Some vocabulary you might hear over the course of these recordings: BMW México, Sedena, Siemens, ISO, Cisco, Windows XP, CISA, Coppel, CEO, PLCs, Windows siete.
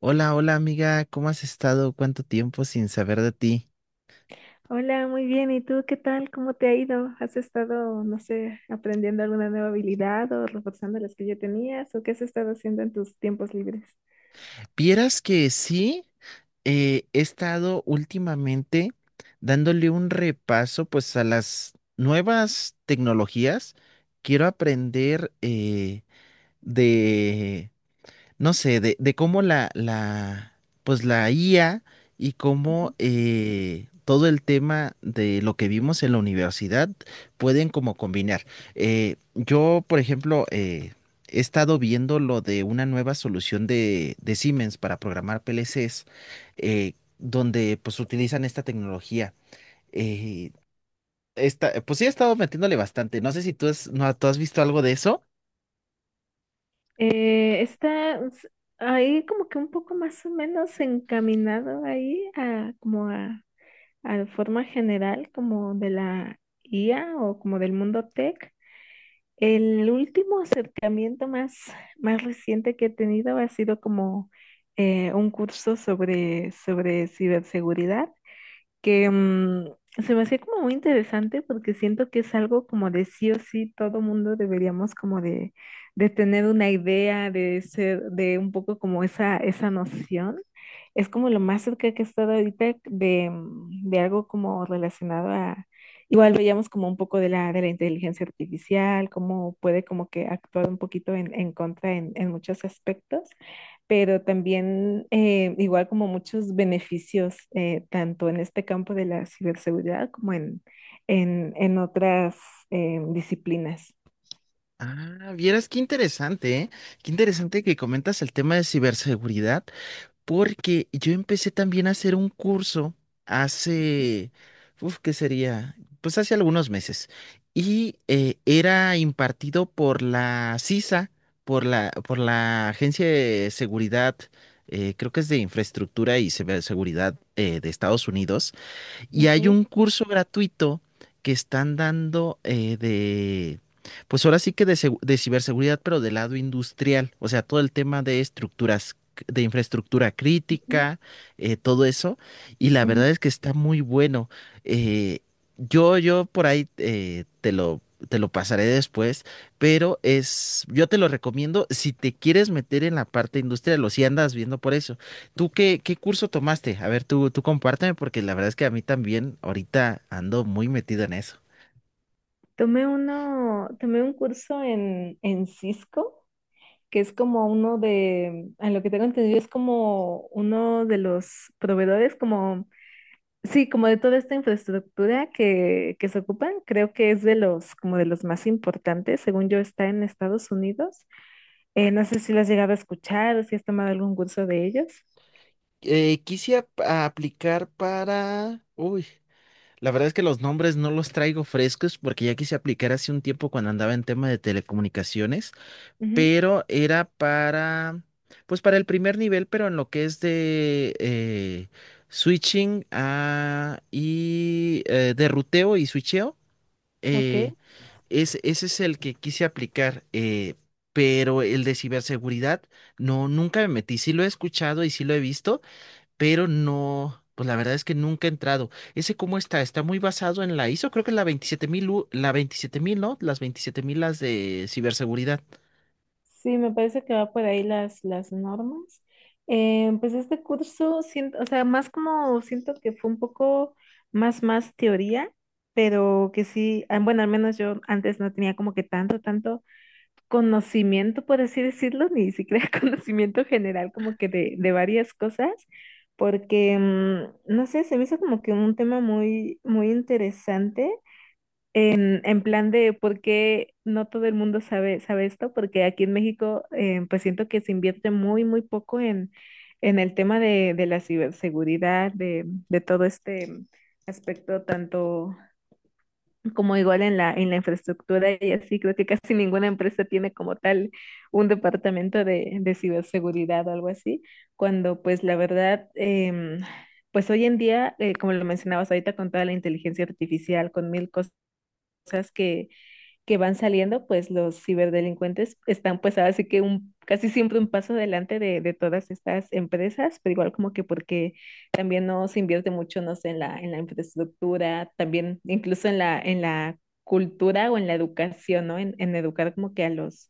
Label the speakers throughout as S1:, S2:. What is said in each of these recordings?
S1: Hola, hola amiga, ¿cómo has estado? ¿Cuánto tiempo sin saber de ti?
S2: Hola, muy bien. ¿Y tú qué tal? ¿Cómo te ha ido? ¿Has estado, no sé, aprendiendo alguna nueva habilidad o reforzando las que ya tenías? ¿O qué has estado haciendo en tus tiempos libres?
S1: Vieras que sí, he estado últimamente dándole un repaso pues a las nuevas tecnologías. Quiero aprender de no sé, de cómo pues la IA y cómo todo el tema de lo que vimos en la universidad pueden como combinar. Yo, por ejemplo, he estado viendo lo de una nueva solución de Siemens para programar PLCs, eh, donde pues utilizan esta tecnología. Eh, Esta, pues sí, he estado metiéndole bastante. No sé si tú, no, ¿tú has visto algo de eso?
S2: Está ahí como que un poco más o menos encaminado ahí a como a la forma general como de la IA o como del mundo tech. El último acercamiento más reciente que he tenido ha sido como un curso sobre ciberseguridad. Que se me hacía como muy interesante porque siento que es algo como de sí o sí todo mundo deberíamos como de, tener una idea, de ser, de un poco como esa noción. Es como lo más cerca que he estado ahorita de algo como relacionado a, igual veíamos como un poco de la inteligencia artificial, cómo puede como que actuar un poquito en contra en muchos aspectos pero también igual como muchos beneficios, tanto en este campo de la ciberseguridad como en otras disciplinas.
S1: Ah, vieras qué interesante, ¿eh? Qué interesante que comentas el tema de ciberseguridad, porque yo empecé también a hacer un curso hace, uf, ¿qué sería? Pues hace algunos meses. Y era impartido por la CISA, por la Agencia de Seguridad, creo que es de Infraestructura y Ciberseguridad de Estados Unidos. Y hay
S2: Ok.
S1: un curso gratuito que están dando de, pues ahora sí que de, de ciberseguridad, pero del lado industrial, o sea, todo el tema de estructuras, de infraestructura
S2: Ujú,
S1: crítica, todo eso. Y la
S2: ujú.
S1: verdad es que está muy bueno. Eh, yo por ahí te lo pasaré después, pero es, yo te lo recomiendo si te quieres meter en la parte industrial o si andas viendo por eso. ¿Tú qué curso tomaste? A ver, tú compárteme porque la verdad es que a mí también ahorita ando muy metido en eso.
S2: Tomé uno, tomé un curso en Cisco, que es como uno de, a lo que tengo entendido, es como uno de los proveedores, como, sí, como de toda esta infraestructura que se ocupan, creo que es de los, como de los más importantes, según yo, está en Estados Unidos. No sé si lo has llegado a escuchar o si has tomado algún curso de ellos.
S1: Quise a aplicar para... Uy, la verdad es que los nombres no los traigo frescos porque ya quise aplicar hace un tiempo cuando andaba en tema de telecomunicaciones,
S2: Ujú,
S1: pero era para, pues para el primer nivel, pero en lo que es de switching a, y de ruteo y switcheo.
S2: ok.
S1: eh, Ese es el que quise aplicar, pero el de ciberseguridad, no, nunca me metí. Sí lo he escuchado y sí lo he visto, pero no, pues la verdad es que nunca he entrado. ¿Ese cómo está? Está muy basado en la ISO, creo que es la 27,000, la veintisiete mil, ¿no? Las veintisiete mil, las de ciberseguridad.
S2: Sí, me parece que va por ahí las normas. Pues este curso, siento, o sea, más como siento que fue un poco más teoría, pero que sí, ah, bueno, al menos yo antes no tenía como que tanto conocimiento, por así decirlo, ni siquiera conocimiento general como que de varias cosas, porque, no sé, se me hizo como que un tema muy, muy interesante en plan de por qué no todo el mundo sabe esto, porque aquí en México pues siento que se invierte muy, muy poco en el tema de la ciberseguridad, de todo este aspecto, tanto como igual en la infraestructura y así, creo que casi ninguna empresa tiene como tal un departamento de ciberseguridad o algo así, cuando pues la verdad, pues hoy en día, como lo mencionabas ahorita, con toda la inteligencia artificial, con mil cosas que, que van saliendo, pues los ciberdelincuentes están pues ahora sí que casi siempre un paso adelante de todas estas empresas, pero igual como que porque también no se invierte mucho, no sé, en la infraestructura, también incluso en la cultura o en la educación, ¿no? En educar como que a los,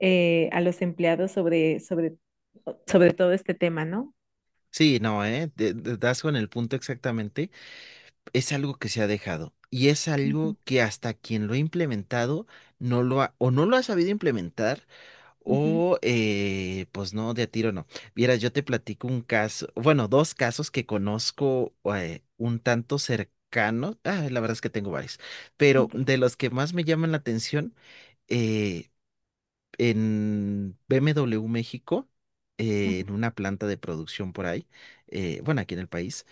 S2: eh, a los empleados sobre todo este tema, ¿no?
S1: Sí, no, ¿eh? Das con el punto exactamente. Es algo que se ha dejado y es
S2: Ujú,
S1: algo que hasta quien lo ha implementado no lo ha, o no lo ha sabido implementar
S2: ujú,
S1: o pues no, de a tiro no. Vieras, yo te platico un caso, bueno, dos casos que conozco un tanto cercanos, ah, la verdad es que tengo varios, pero
S2: ok,
S1: de los que más me llaman la atención eh, en BMW México,
S2: ujú,
S1: en una planta de producción por ahí, bueno, aquí en el país,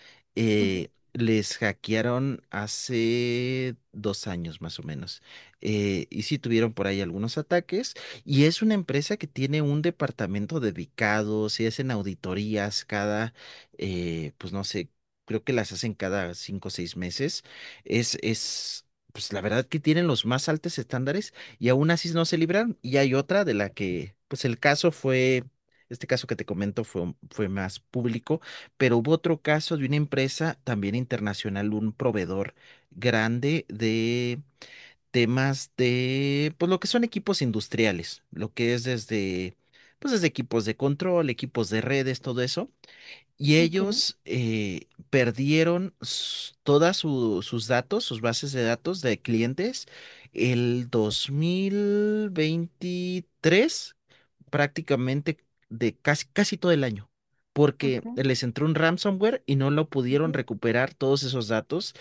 S2: ujú,
S1: les hackearon hace dos años más o menos. Y sí tuvieron por ahí algunos ataques. Y es una empresa que tiene un departamento dedicado, si hacen auditorías cada, pues no sé, creo que las hacen cada cinco o seis meses. Es, es, pues la verdad que tienen los más altos estándares y aún así no se libraron. Y hay otra de la que, pues el caso fue, este caso que te comento fue, fue más público, pero hubo otro caso de una empresa también internacional, un proveedor grande de temas de, pues lo que son equipos industriales, lo que es desde, pues desde equipos de control, equipos de redes, todo eso. Y
S2: ok,
S1: ellos perdieron todas sus datos, sus bases de datos de clientes el 2023, prácticamente de casi, casi todo el año, porque
S2: ok,
S1: les entró un ransomware y no lo pudieron
S2: ujú.
S1: recuperar todos esos datos.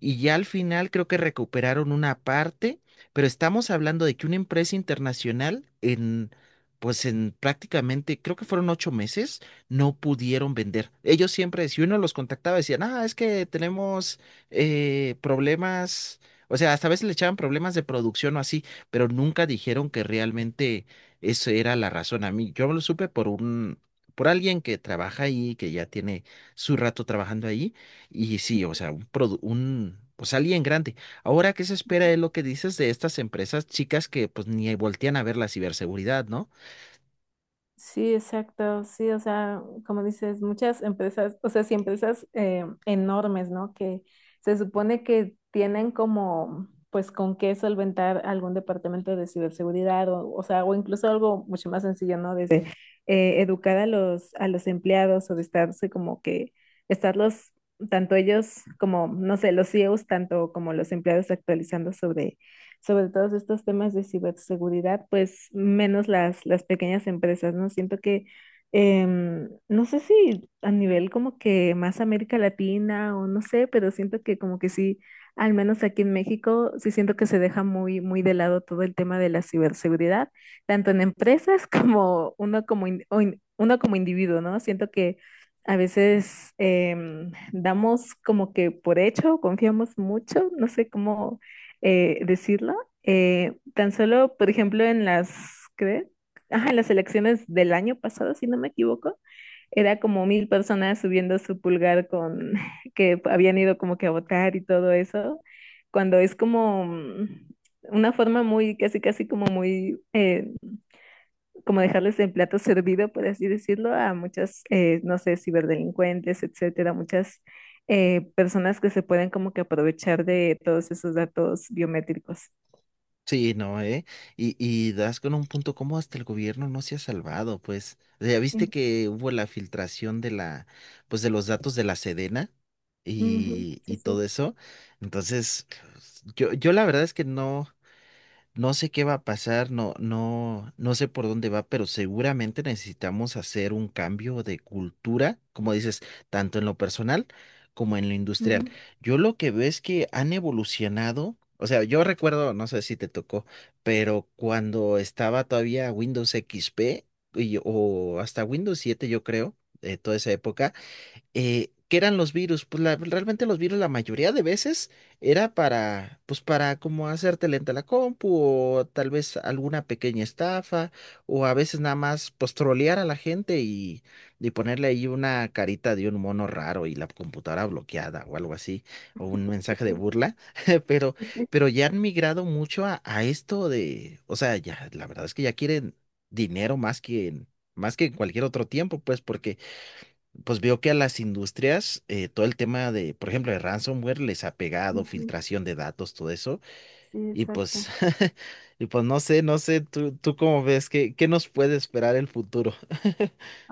S1: Y ya al final creo que recuperaron una parte, pero estamos hablando de que una empresa internacional en, pues en prácticamente, creo que fueron ocho meses, no pudieron vender. Ellos siempre, si uno los contactaba, decían, ah, es que tenemos problemas, o sea, hasta a veces le echaban problemas de producción o así, pero nunca dijeron que realmente eso era la razón. A mí, yo lo supe por por alguien que trabaja ahí, que ya tiene su rato trabajando ahí, y sí, o sea, un, produ- un pues alguien grande. Ahora, ¿qué se espera de lo que dices de estas empresas chicas que pues ni voltean a ver la ciberseguridad, ¿no?
S2: Sí, exacto, sí, o sea, como dices, muchas empresas, o sea, sí, empresas enormes, ¿no? Que se supone que tienen como, pues, con qué solventar algún departamento de ciberseguridad, o sea, o incluso algo mucho más sencillo, ¿no? Desde educar a los empleados o de estarse como que, estarlos, tanto ellos como, no sé, los CEOs, tanto como los empleados actualizando sobre todos estos temas de ciberseguridad, pues menos las pequeñas empresas, ¿no? Siento que, no sé si a nivel como que más América Latina o no sé, pero siento que como que sí, al menos aquí en México, sí siento que se deja muy, muy de lado todo el tema de la ciberseguridad, tanto en empresas como uno como, uno como individuo, ¿no? Siento que. A veces damos como que por hecho, confiamos mucho, no sé cómo, decirlo. Tan solo, por ejemplo, en las, ¿qué? Ajá, en las elecciones del año pasado, si no me equivoco, era como mil personas subiendo su pulgar con que habían ido como que a votar y todo eso, cuando es como una forma muy, casi, casi como muy, como dejarles el plato servido, por así decirlo, a muchas, no sé, ciberdelincuentes, etcétera, muchas personas que se pueden como que aprovechar de todos esos datos biométricos.
S1: Sí, no, ¿eh? Y das con un punto como hasta el gobierno no se ha salvado, pues. Ya viste
S2: Sí,
S1: que hubo la filtración de la, pues de los datos de la Sedena
S2: ujú,
S1: y,
S2: sí,
S1: y
S2: sí,
S1: todo eso. Entonces, pues, yo la verdad es que no. No sé qué va a pasar, no, no, no sé por dónde va, pero seguramente necesitamos hacer un cambio de cultura, como dices, tanto en lo personal como en lo industrial.
S2: ujú,
S1: Yo lo que veo es que han evolucionado, o sea, yo recuerdo, no sé si te tocó, pero cuando estaba todavía Windows XP o hasta Windows siete yo creo, de toda esa época ¿qué eran los virus? Pues realmente los virus la mayoría de veces era para, pues para como hacerte lenta la compu o tal vez alguna pequeña estafa o a veces nada más pues trolear a la gente y ponerle ahí una carita de un mono raro y la computadora bloqueada o algo así o un mensaje de
S2: ok,
S1: burla, pero,
S2: sí, sí,
S1: ya han migrado mucho a, esto de, o sea, ya la verdad es que ya quieren dinero más que en cualquier otro tiempo, pues porque pues veo que a las industrias todo el tema de, por ejemplo, de ransomware les ha pegado,
S2: ujú,
S1: filtración de datos, todo eso.
S2: sí,
S1: Y pues,
S2: exacto.
S1: y pues no sé, no sé, tú cómo ves, ¿qué nos puede esperar el futuro?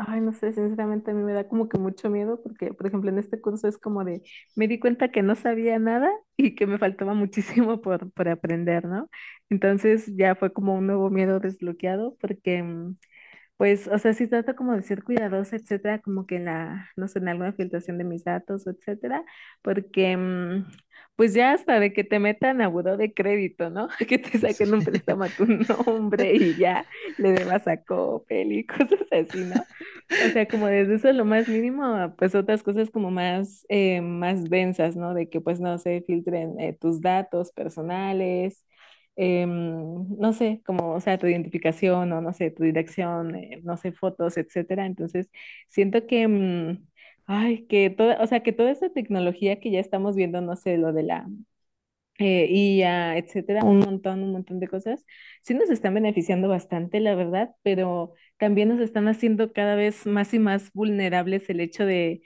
S2: Ay, no sé, sinceramente a mí me da como que mucho miedo porque, por ejemplo, en este curso es como me di cuenta que no sabía nada y que me faltaba muchísimo por aprender, ¿no? Entonces ya fue como un nuevo miedo desbloqueado porque pues, o sea, sí trato como de ser cuidadosa, etcétera, como que en la, no sé, en alguna filtración de mis datos, etcétera, porque, pues ya hasta de que te metan a buró de crédito, ¿no? Que te
S1: Sí.
S2: saquen un préstamo a tu nombre y ya le debas a Coppel y cosas así, ¿no? O sea, como desde eso lo más mínimo, a, pues otras cosas como más densas, ¿no? De que pues no se filtren tus datos personales, no sé, como, o sea, tu identificación o no sé, tu dirección, no sé, fotos, etcétera. Entonces, siento que, ay, que toda, o sea, que toda esta tecnología que ya estamos viendo, no sé, lo de la eh, IA, etcétera, un montón de cosas, sí nos están beneficiando bastante, la verdad, pero también nos están haciendo cada vez más y más vulnerables el hecho de,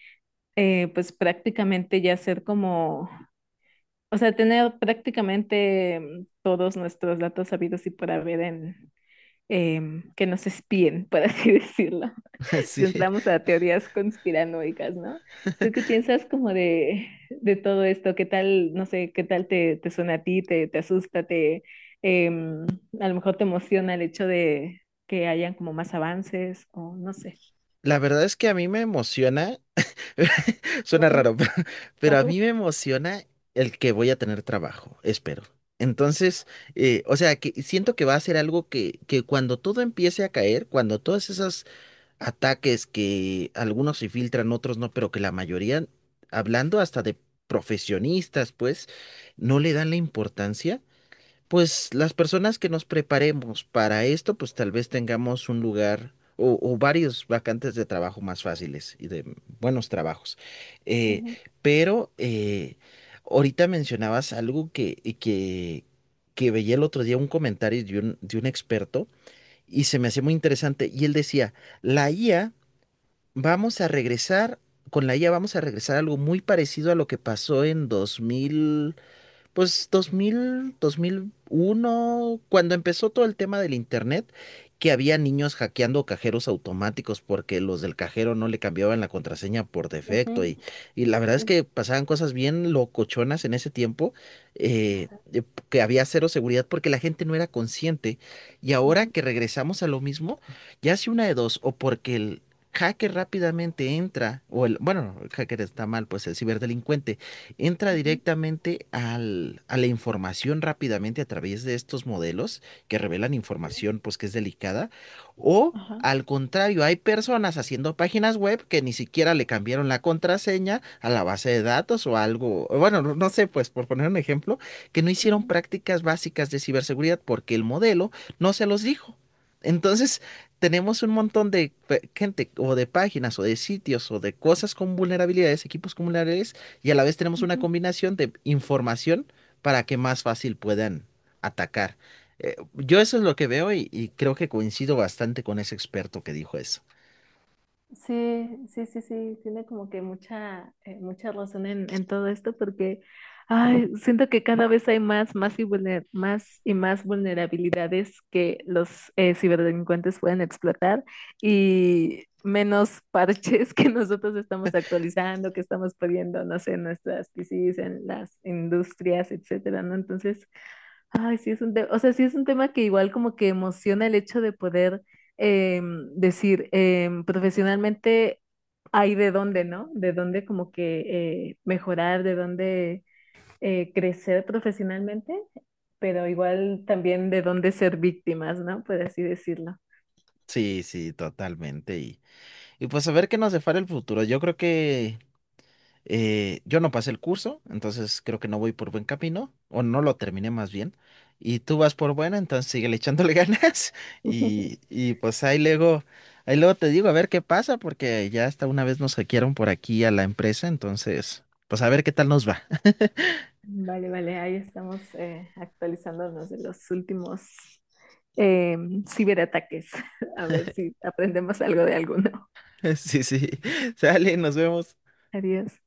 S2: pues prácticamente ya ser como o sea, tener prácticamente todos nuestros datos sabidos y por haber en que nos espíen, por así decirlo. Si
S1: Sí.
S2: entramos a teorías conspiranoicas, ¿no? ¿Tú qué piensas como de todo esto? ¿Qué tal, no sé, qué tal te suena a ti? ¿Te asusta? Em, a lo mejor te emociona el hecho de que hayan como más avances o no sé?
S1: La verdad es que a mí me emociona, suena
S2: Ujú,
S1: raro, pero, a mí me emociona el que voy a tener trabajo, espero. Entonces, o sea, que siento que va a ser algo que cuando todo empiece a caer, cuando todas esas ataques que algunos se filtran, otros no, pero que la mayoría, hablando hasta de profesionistas, pues, no le dan la importancia, pues las personas que nos preparemos para esto, pues tal vez tengamos un lugar o varios vacantes de trabajo más fáciles y de buenos trabajos. Eh,
S2: ujú,
S1: pero ahorita mencionabas algo que veía el otro día, un comentario de un experto. Y se me hacía muy interesante. Y él decía, la IA vamos a regresar, con la IA vamos a regresar a algo muy parecido a lo que pasó en 2000 pues 2000, 2001, cuando empezó todo el tema del internet, que había niños hackeando cajeros automáticos porque los del cajero no le cambiaban la contraseña por defecto
S2: ujú,
S1: y la verdad
S2: sí,
S1: es que pasaban cosas bien locochonas en ese tiempo, eh, eh, que había cero seguridad porque la gente no era consciente y ahora
S2: ujú,
S1: que regresamos a lo mismo, ya hace una de dos, o porque hacker rápidamente entra, o el, bueno, el hacker está mal, pues el ciberdelincuente entra
S2: ujú,
S1: directamente a la información rápidamente a través de estos modelos que revelan
S2: sí,
S1: información pues que es delicada o
S2: ajá.
S1: al contrario, hay personas haciendo páginas web que ni siquiera le cambiaron la contraseña a la base de datos o algo, o bueno, no no sé, pues por poner un ejemplo, que no hicieron
S2: Ujú,
S1: prácticas básicas de ciberseguridad porque el modelo no se los dijo. Entonces, tenemos un
S2: sí, sí,
S1: montón de gente o de páginas o de sitios o de cosas con vulnerabilidades, equipos con vulnerabilidades y a la vez tenemos una
S2: ujú.
S1: combinación de información para que más fácil puedan atacar. Yo eso es lo que veo y creo que coincido bastante con ese experto que dijo eso.
S2: Sí, sí, sí, sí, tiene como que mucha razón en todo esto porque, ay, siento que cada vez hay más y más vulnerabilidades que los ciberdelincuentes pueden explotar y menos parches que nosotros estamos actualizando, que estamos poniendo, no sé, en nuestras PCs, en las industrias, etcétera, ¿no? Entonces, ay, sí es un tema, o sea, sí es un tema que igual como que emociona el hecho de poder decir, profesionalmente hay de dónde, ¿no? De dónde como que mejorar, de dónde crecer profesionalmente, pero igual también de dónde ser víctimas, ¿no? Por así decirlo.
S1: Sí, sí, totalmente. Y pues a ver qué nos depara el futuro. Yo creo que yo no pasé el curso, entonces creo que no voy por buen camino, o no lo terminé más bien. Y tú vas por buena, entonces sigue echándole ganas. Y pues ahí luego, te digo a ver qué pasa, porque ya hasta una vez nos hackearon por aquí a la empresa, entonces, pues a ver qué tal nos va.
S2: Vale, vale, ahí estamos actualizándonos de los últimos ciberataques, a ver si aprendemos algo de alguno.
S1: Sí, sí. Sale, nos vemos.
S2: Adiós.